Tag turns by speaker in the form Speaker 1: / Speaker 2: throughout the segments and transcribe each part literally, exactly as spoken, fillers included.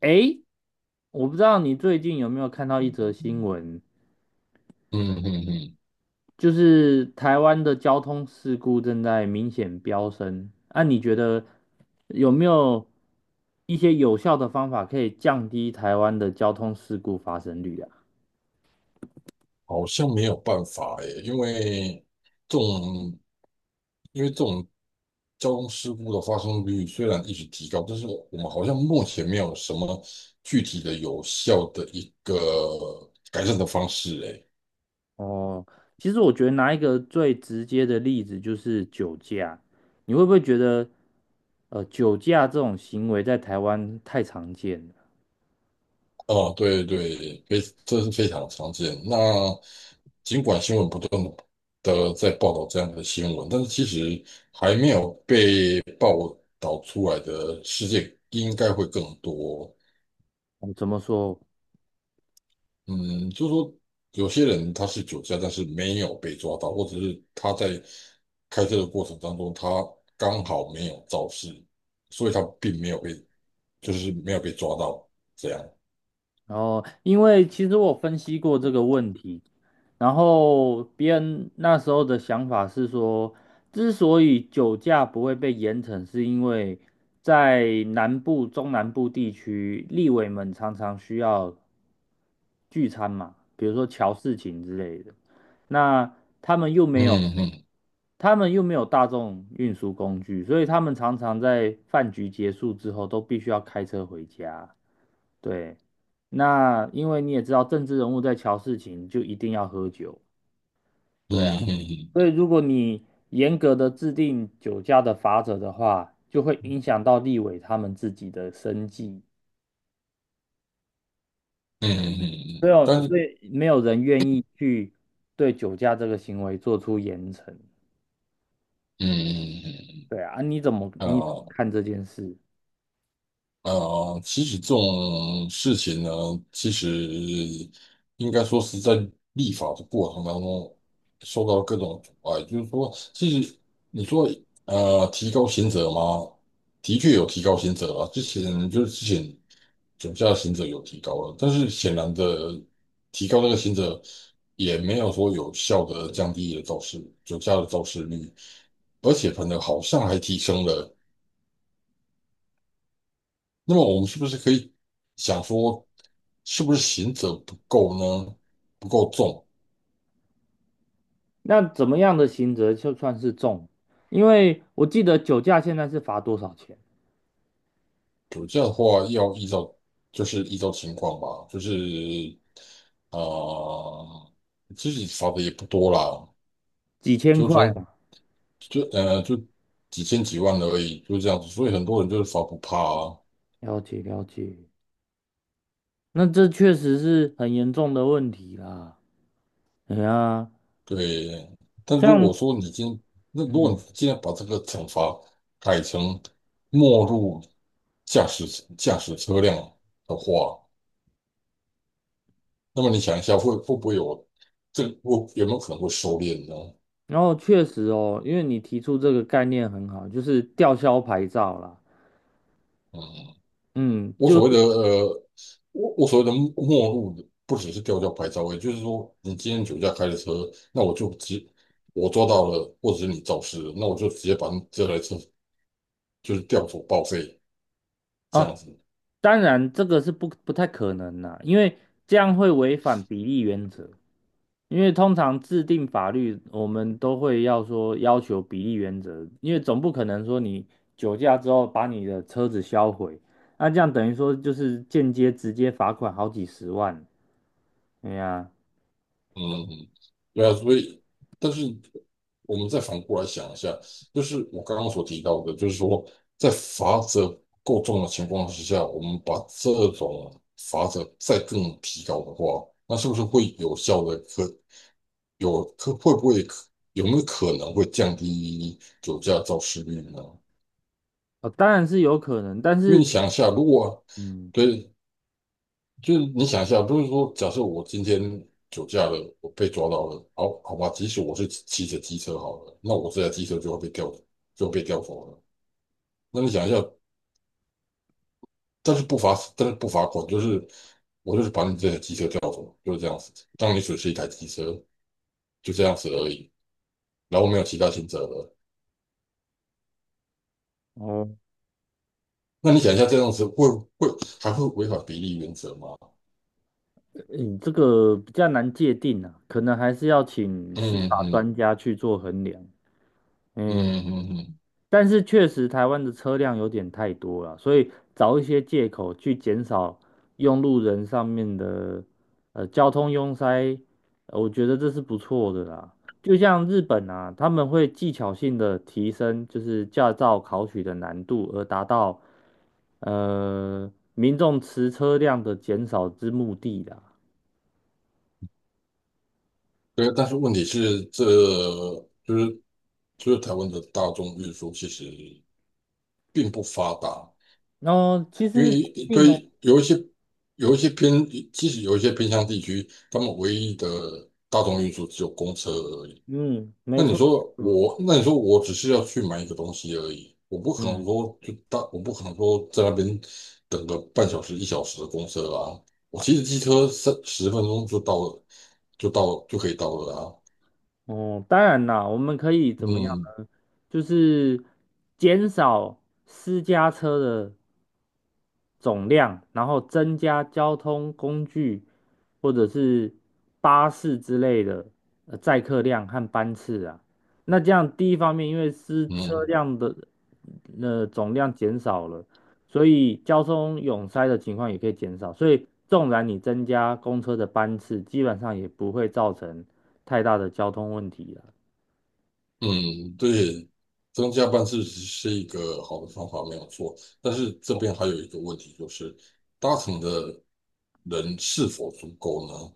Speaker 1: 诶，我不知道你最近有没有看到一则新
Speaker 2: 嗯
Speaker 1: 闻，
Speaker 2: 嗯嗯，
Speaker 1: 就是台湾的交通事故正在明显飙升。那、你觉得有没有一些有效的方法可以降低台湾的交通事故发生率啊？
Speaker 2: 好像没有办法诶，因为这种因为这种交通事故的发生率虽然一直提高，但是我们好像目前没有什么具体的有效的一个改善的方式诶。
Speaker 1: 哦，其实我觉得拿一个最直接的例子就是酒驾，你会不会觉得呃酒驾这种行为在台湾太常见了？
Speaker 2: 哦，对对，非这是非常常见。那尽管新闻不断的在报道这样的新闻，但是其实还没有被报道出来的事件应该会更多。
Speaker 1: 哦怎么说？
Speaker 2: 嗯，就是说有些人他是酒驾，但是没有被抓到，或者是他在开车的过程当中，他刚好没有肇事，所以他并没有被，就是没有被抓到这样。
Speaker 1: 然后，因为其实我分析过这个问题，然后别人那时候的想法是说，之所以酒驾不会被严惩，是因为在南部、中南部地区，立委们常常需要聚餐嘛，比如说乔事情之类的，那他们又没有，
Speaker 2: 嗯嗯
Speaker 1: 他们又没有大众运输工具，所以他们常常在饭局结束之后都必须要开车回家。对，那因为你也知道，政治人物在瞧事情就一定要喝酒，
Speaker 2: 嗯
Speaker 1: 对啊，
Speaker 2: 嗯
Speaker 1: 所以如果你严格的制定酒驾的罚则的话，就会影响到立委他们自己的生计，
Speaker 2: 嗯嗯嗯，
Speaker 1: 所
Speaker 2: 嗯
Speaker 1: 以有
Speaker 2: 但是
Speaker 1: 所以没有人愿意去对酒驾这个行为做出严惩，
Speaker 2: 嗯嗯
Speaker 1: 对啊，啊你怎么
Speaker 2: 嗯
Speaker 1: 你怎么
Speaker 2: 啊。
Speaker 1: 看这件事？
Speaker 2: 呃，其实这种事情呢，其实应该说是在立法的过程当中受到各种阻碍。就是说，其实你说呃提高刑责吗？的确有提高刑责啊，之前就是之前驾驾刑责有提高了，但是显然的提高那个刑责也没有说有效的降低了肇事酒驾的肇事率，而且反而好像还提升了。那么我们是不是可以想说，是不是刑责不够呢？不够重？
Speaker 1: 那怎么样的刑责就算是重？因为我记得酒驾现在是罚多少钱？
Speaker 2: 对，这样的话要依照就是依照情况吧，就是啊、呃，其实罚的也不多啦，
Speaker 1: 几千
Speaker 2: 就
Speaker 1: 块
Speaker 2: 从
Speaker 1: 嘛，
Speaker 2: 就呃就几千几万而已，就这样子。所以很多人就是罚不怕啊，
Speaker 1: 了解了解。那这确实是很严重的问题啦。哎呀，
Speaker 2: 对。但如果
Speaker 1: 像
Speaker 2: 说你今那如果你
Speaker 1: 嗯，
Speaker 2: 今天把这个惩罚改成没入驾驶驾驶车辆的话，那么你想一下，会会不会有这个会有没有可能会收敛呢？
Speaker 1: 然后确实哦，因为你提出这个概念很好，就是吊销牌照啦。
Speaker 2: 嗯，
Speaker 1: 嗯，
Speaker 2: 我
Speaker 1: 就
Speaker 2: 所谓
Speaker 1: 是
Speaker 2: 的呃，我我所谓的末末路，不只是吊销牌照，也就是说，你今天酒驾开的车，那我就直我抓到了，或者是你肇事了，那我就直接把你这台车就是吊走报废这
Speaker 1: 啊，
Speaker 2: 样子。
Speaker 1: 当然这个是不不太可能啦，因为这样会违反比例原则。因为通常制定法律，我们都会要说要求比例原则，因为总不可能说你酒驾之后把你的车子销毁，那这样等于说就是间接直接罚款好几十万。哎呀，
Speaker 2: 嗯嗯，对啊，所以，但是我们再反过来想一下，就是我刚刚所提到的，就是说，在罚则不够重的情况之下，我们把这种罚则再更提高的话，那是不是会有效的可有可会不会可有没有可能会降低酒驾肇事率呢？
Speaker 1: 哦，当然是有可能，但
Speaker 2: 因为你
Speaker 1: 是，
Speaker 2: 想一下，如果
Speaker 1: 嗯，
Speaker 2: 对，就是你想一下，不是说假设我今天酒驾了，我被抓到了，好好吧，即使我是骑着机车好了，那我这台机车就会被吊，就会被吊走了。那你想一下，但是不罚，但是不罚款，就是我就是把你这台机车吊走，就是这样子，让你损失一台机车，就这样子而已，然后没有其他刑责了。
Speaker 1: 哦，
Speaker 2: 那你想一下，这样子会会还会违反比例原则吗？
Speaker 1: 你这个比较难界定啊，可能还是要请
Speaker 2: 嗯
Speaker 1: 司法
Speaker 2: 嗯
Speaker 1: 专家去做衡量。
Speaker 2: 嗯
Speaker 1: 嗯，
Speaker 2: 嗯嗯，
Speaker 1: 但是确实台湾的车辆有点太多了，所以找一些借口去减少用路人上面的呃交通拥塞，呃我觉得这是不错的啦。就像日本啊，他们会技巧性的提升就是驾照考取的难度，而达到呃，民众持车辆的减少之目的啦。
Speaker 2: 对，但是问题是这。就是。就是台湾的大众运输其实并不发达，
Speaker 1: 哦，其
Speaker 2: 因
Speaker 1: 实不
Speaker 2: 为
Speaker 1: 一定
Speaker 2: 对
Speaker 1: 哦，
Speaker 2: 于有一些有一些偏，其实有一些偏乡地区，他们唯一的大众运输只有公车而已。
Speaker 1: 嗯，
Speaker 2: 那
Speaker 1: 没
Speaker 2: 你
Speaker 1: 错没
Speaker 2: 说
Speaker 1: 错，
Speaker 2: 我，那你说我只是要去买一个东西而已，我不可能
Speaker 1: 嗯，
Speaker 2: 说就大，我不可能说在那边等个半小时、一小时的公车啊。我骑着机车三十分钟就到了，就到就可以到了啊。
Speaker 1: 哦，当然啦，我们可以怎么样
Speaker 2: 嗯
Speaker 1: 呢？就是减少私家车的总量，然后增加交通工具或者是巴士之类的呃载客量和班次啊。那这样第一方面，因为是车
Speaker 2: 嗯。
Speaker 1: 辆的呃总量减少了，所以交通拥塞的情况也可以减少。所以纵然你增加公车的班次，基本上也不会造成太大的交通问题了。
Speaker 2: 嗯，对，增加班次是一个好的方法，没有错。但是这边还有一个问题，就是搭乘的人是否足够呢？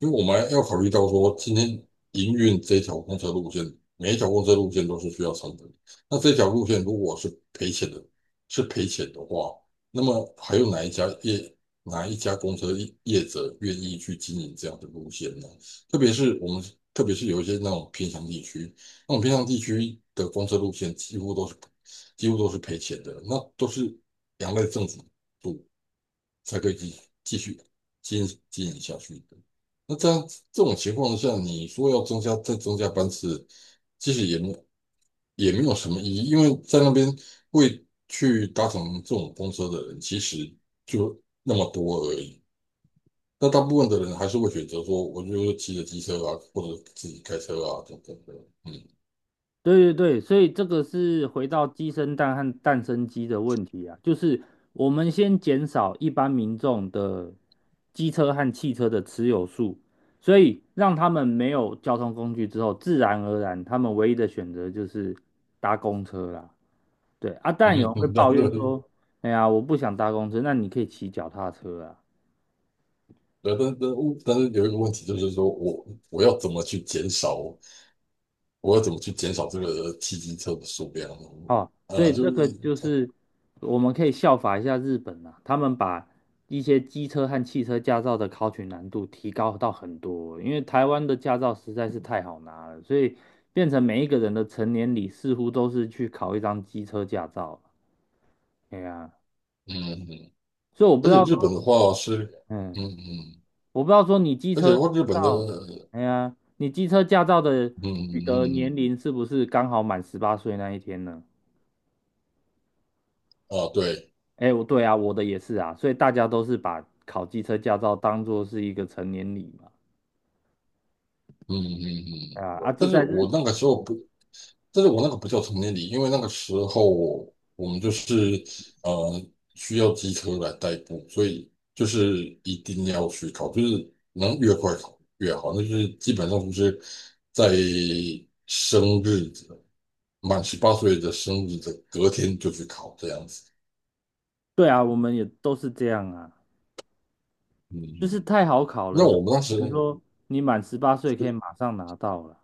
Speaker 2: 因为我们要考虑到说，今天营运这条公车路线，每一条公车路线都是需要成本的。那这条路线如果是赔钱的，是赔钱的话，那么还有哪一家业哪一家公车业业者愿意去经营这样的路线呢？特别是我们，特别是有一些那种偏乡地区。那种偏向地区的公车路线几乎都是几乎都是赔钱的，那都是两赖政府补才可以继继续经营经营下去的。那这样这种情况下，你说要增加再增加班次，其实也没有也没有什么意义，因为在那边会去搭乘这种公车的人，其实就那么多而已。那大部分的人还是会选择说，我就骑着机车啊，或者自己开车啊，等等的。嗯，
Speaker 1: 对对对，所以这个是回到鸡生蛋和蛋生鸡的问题啊，就是我们先减少一般民众的机车和汽车的持有数，所以让他们没有交通工具之后，自然而然他们唯一的选择就是搭公车啦。对啊，
Speaker 2: 嗯，
Speaker 1: 但有人会
Speaker 2: 那
Speaker 1: 抱怨说，哎呀，我不想搭公车，那你可以骑脚踏车啊。
Speaker 2: 对，但但但是有一个问题就是说我我要怎么去减少，我要怎么去减少这个汽机车的数量
Speaker 1: 哦，所
Speaker 2: 呃，啊
Speaker 1: 以
Speaker 2: 就
Speaker 1: 这
Speaker 2: 是
Speaker 1: 个就是我们可以效法一下日本啊，他们把一些机车和汽车驾照的考取难度提高到很多，因为台湾的驾照实在是太好拿了，所以变成每一个人的成年礼似乎都是去考一张机车驾照。哎呀，
Speaker 2: 嗯嗯，
Speaker 1: 所以我不
Speaker 2: 而
Speaker 1: 知
Speaker 2: 且
Speaker 1: 道
Speaker 2: 日本
Speaker 1: 说，
Speaker 2: 的话是嗯
Speaker 1: 嗯，
Speaker 2: 嗯，
Speaker 1: 我不知道说你机
Speaker 2: 而且
Speaker 1: 车
Speaker 2: 的
Speaker 1: 驾
Speaker 2: 话日本的
Speaker 1: 照，
Speaker 2: 嗯
Speaker 1: 哎呀，你机车驾照的
Speaker 2: 嗯
Speaker 1: 取得年
Speaker 2: 嗯
Speaker 1: 龄是不是刚好满十八岁那一天呢？
Speaker 2: 嗯啊对，
Speaker 1: 哎，我对啊，我的也是啊，所以大家都是把考机车驾照当做是一个成年礼嘛。
Speaker 2: 嗯嗯嗯，
Speaker 1: 啊啊，
Speaker 2: 嗯
Speaker 1: 这
Speaker 2: 但是
Speaker 1: 在
Speaker 2: 我
Speaker 1: 日，
Speaker 2: 那个时候不。但是我那个不叫成年礼，因为那个时候我们就是呃需要机车来代步，所以就是一定要去考，就是能越快考越好。那就是基本上就是在生日的满十八岁的生日的隔天就去考这样子。
Speaker 1: 对啊，我们也都是这样啊，就
Speaker 2: 嗯，
Speaker 1: 是太好考
Speaker 2: 那
Speaker 1: 了，所
Speaker 2: 我们当
Speaker 1: 以
Speaker 2: 时
Speaker 1: 比如说你满十八岁可以马上拿到了。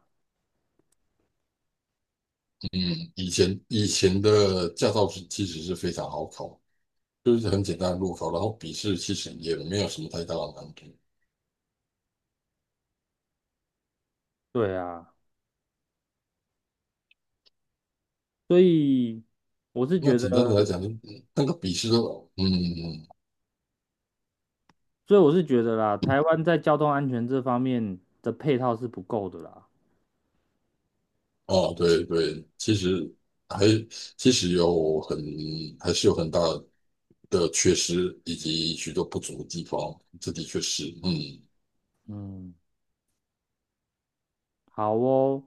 Speaker 2: 嗯以前以前的驾照是其实是非常好考，就是很简单的路考，然后笔试其实也没有什么太大的难度。
Speaker 1: 对啊，所以我是
Speaker 2: 那
Speaker 1: 觉得，
Speaker 2: 简单的来讲，那个笔试都，嗯，嗯
Speaker 1: 所以我是觉得啦，台湾在交通安全这方面的配套是不够的啦。
Speaker 2: 哦，对对，其实还其实有很还是有很大的缺失，以及许多不足的地方，这的确是，嗯
Speaker 1: 嗯，好哦，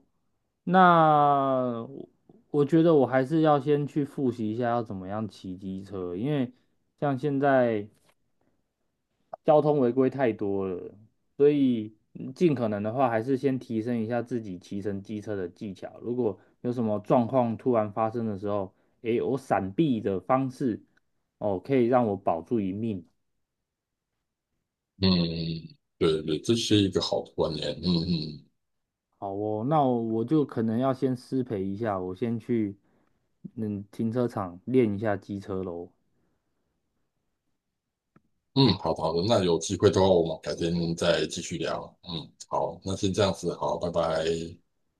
Speaker 1: 那我我觉得我还是要先去复习一下要怎么样骑机车，因为像现在交通违规太多了，所以嗯尽可能的话还是先提升一下自己骑乘机车的技巧。如果有什么状况突然发生的时候，诶，我闪避的方式，哦，可以让我保住一命。
Speaker 2: 嗯，对对，这是一个好的观念，嗯嗯
Speaker 1: 好哦，那我我就可能要先失陪一下，我先去嗯停车场练一下机车喽。
Speaker 2: 嗯，好的好的，那有机会的话，我们改天再继续聊，嗯，好，那先这样子，好，拜拜。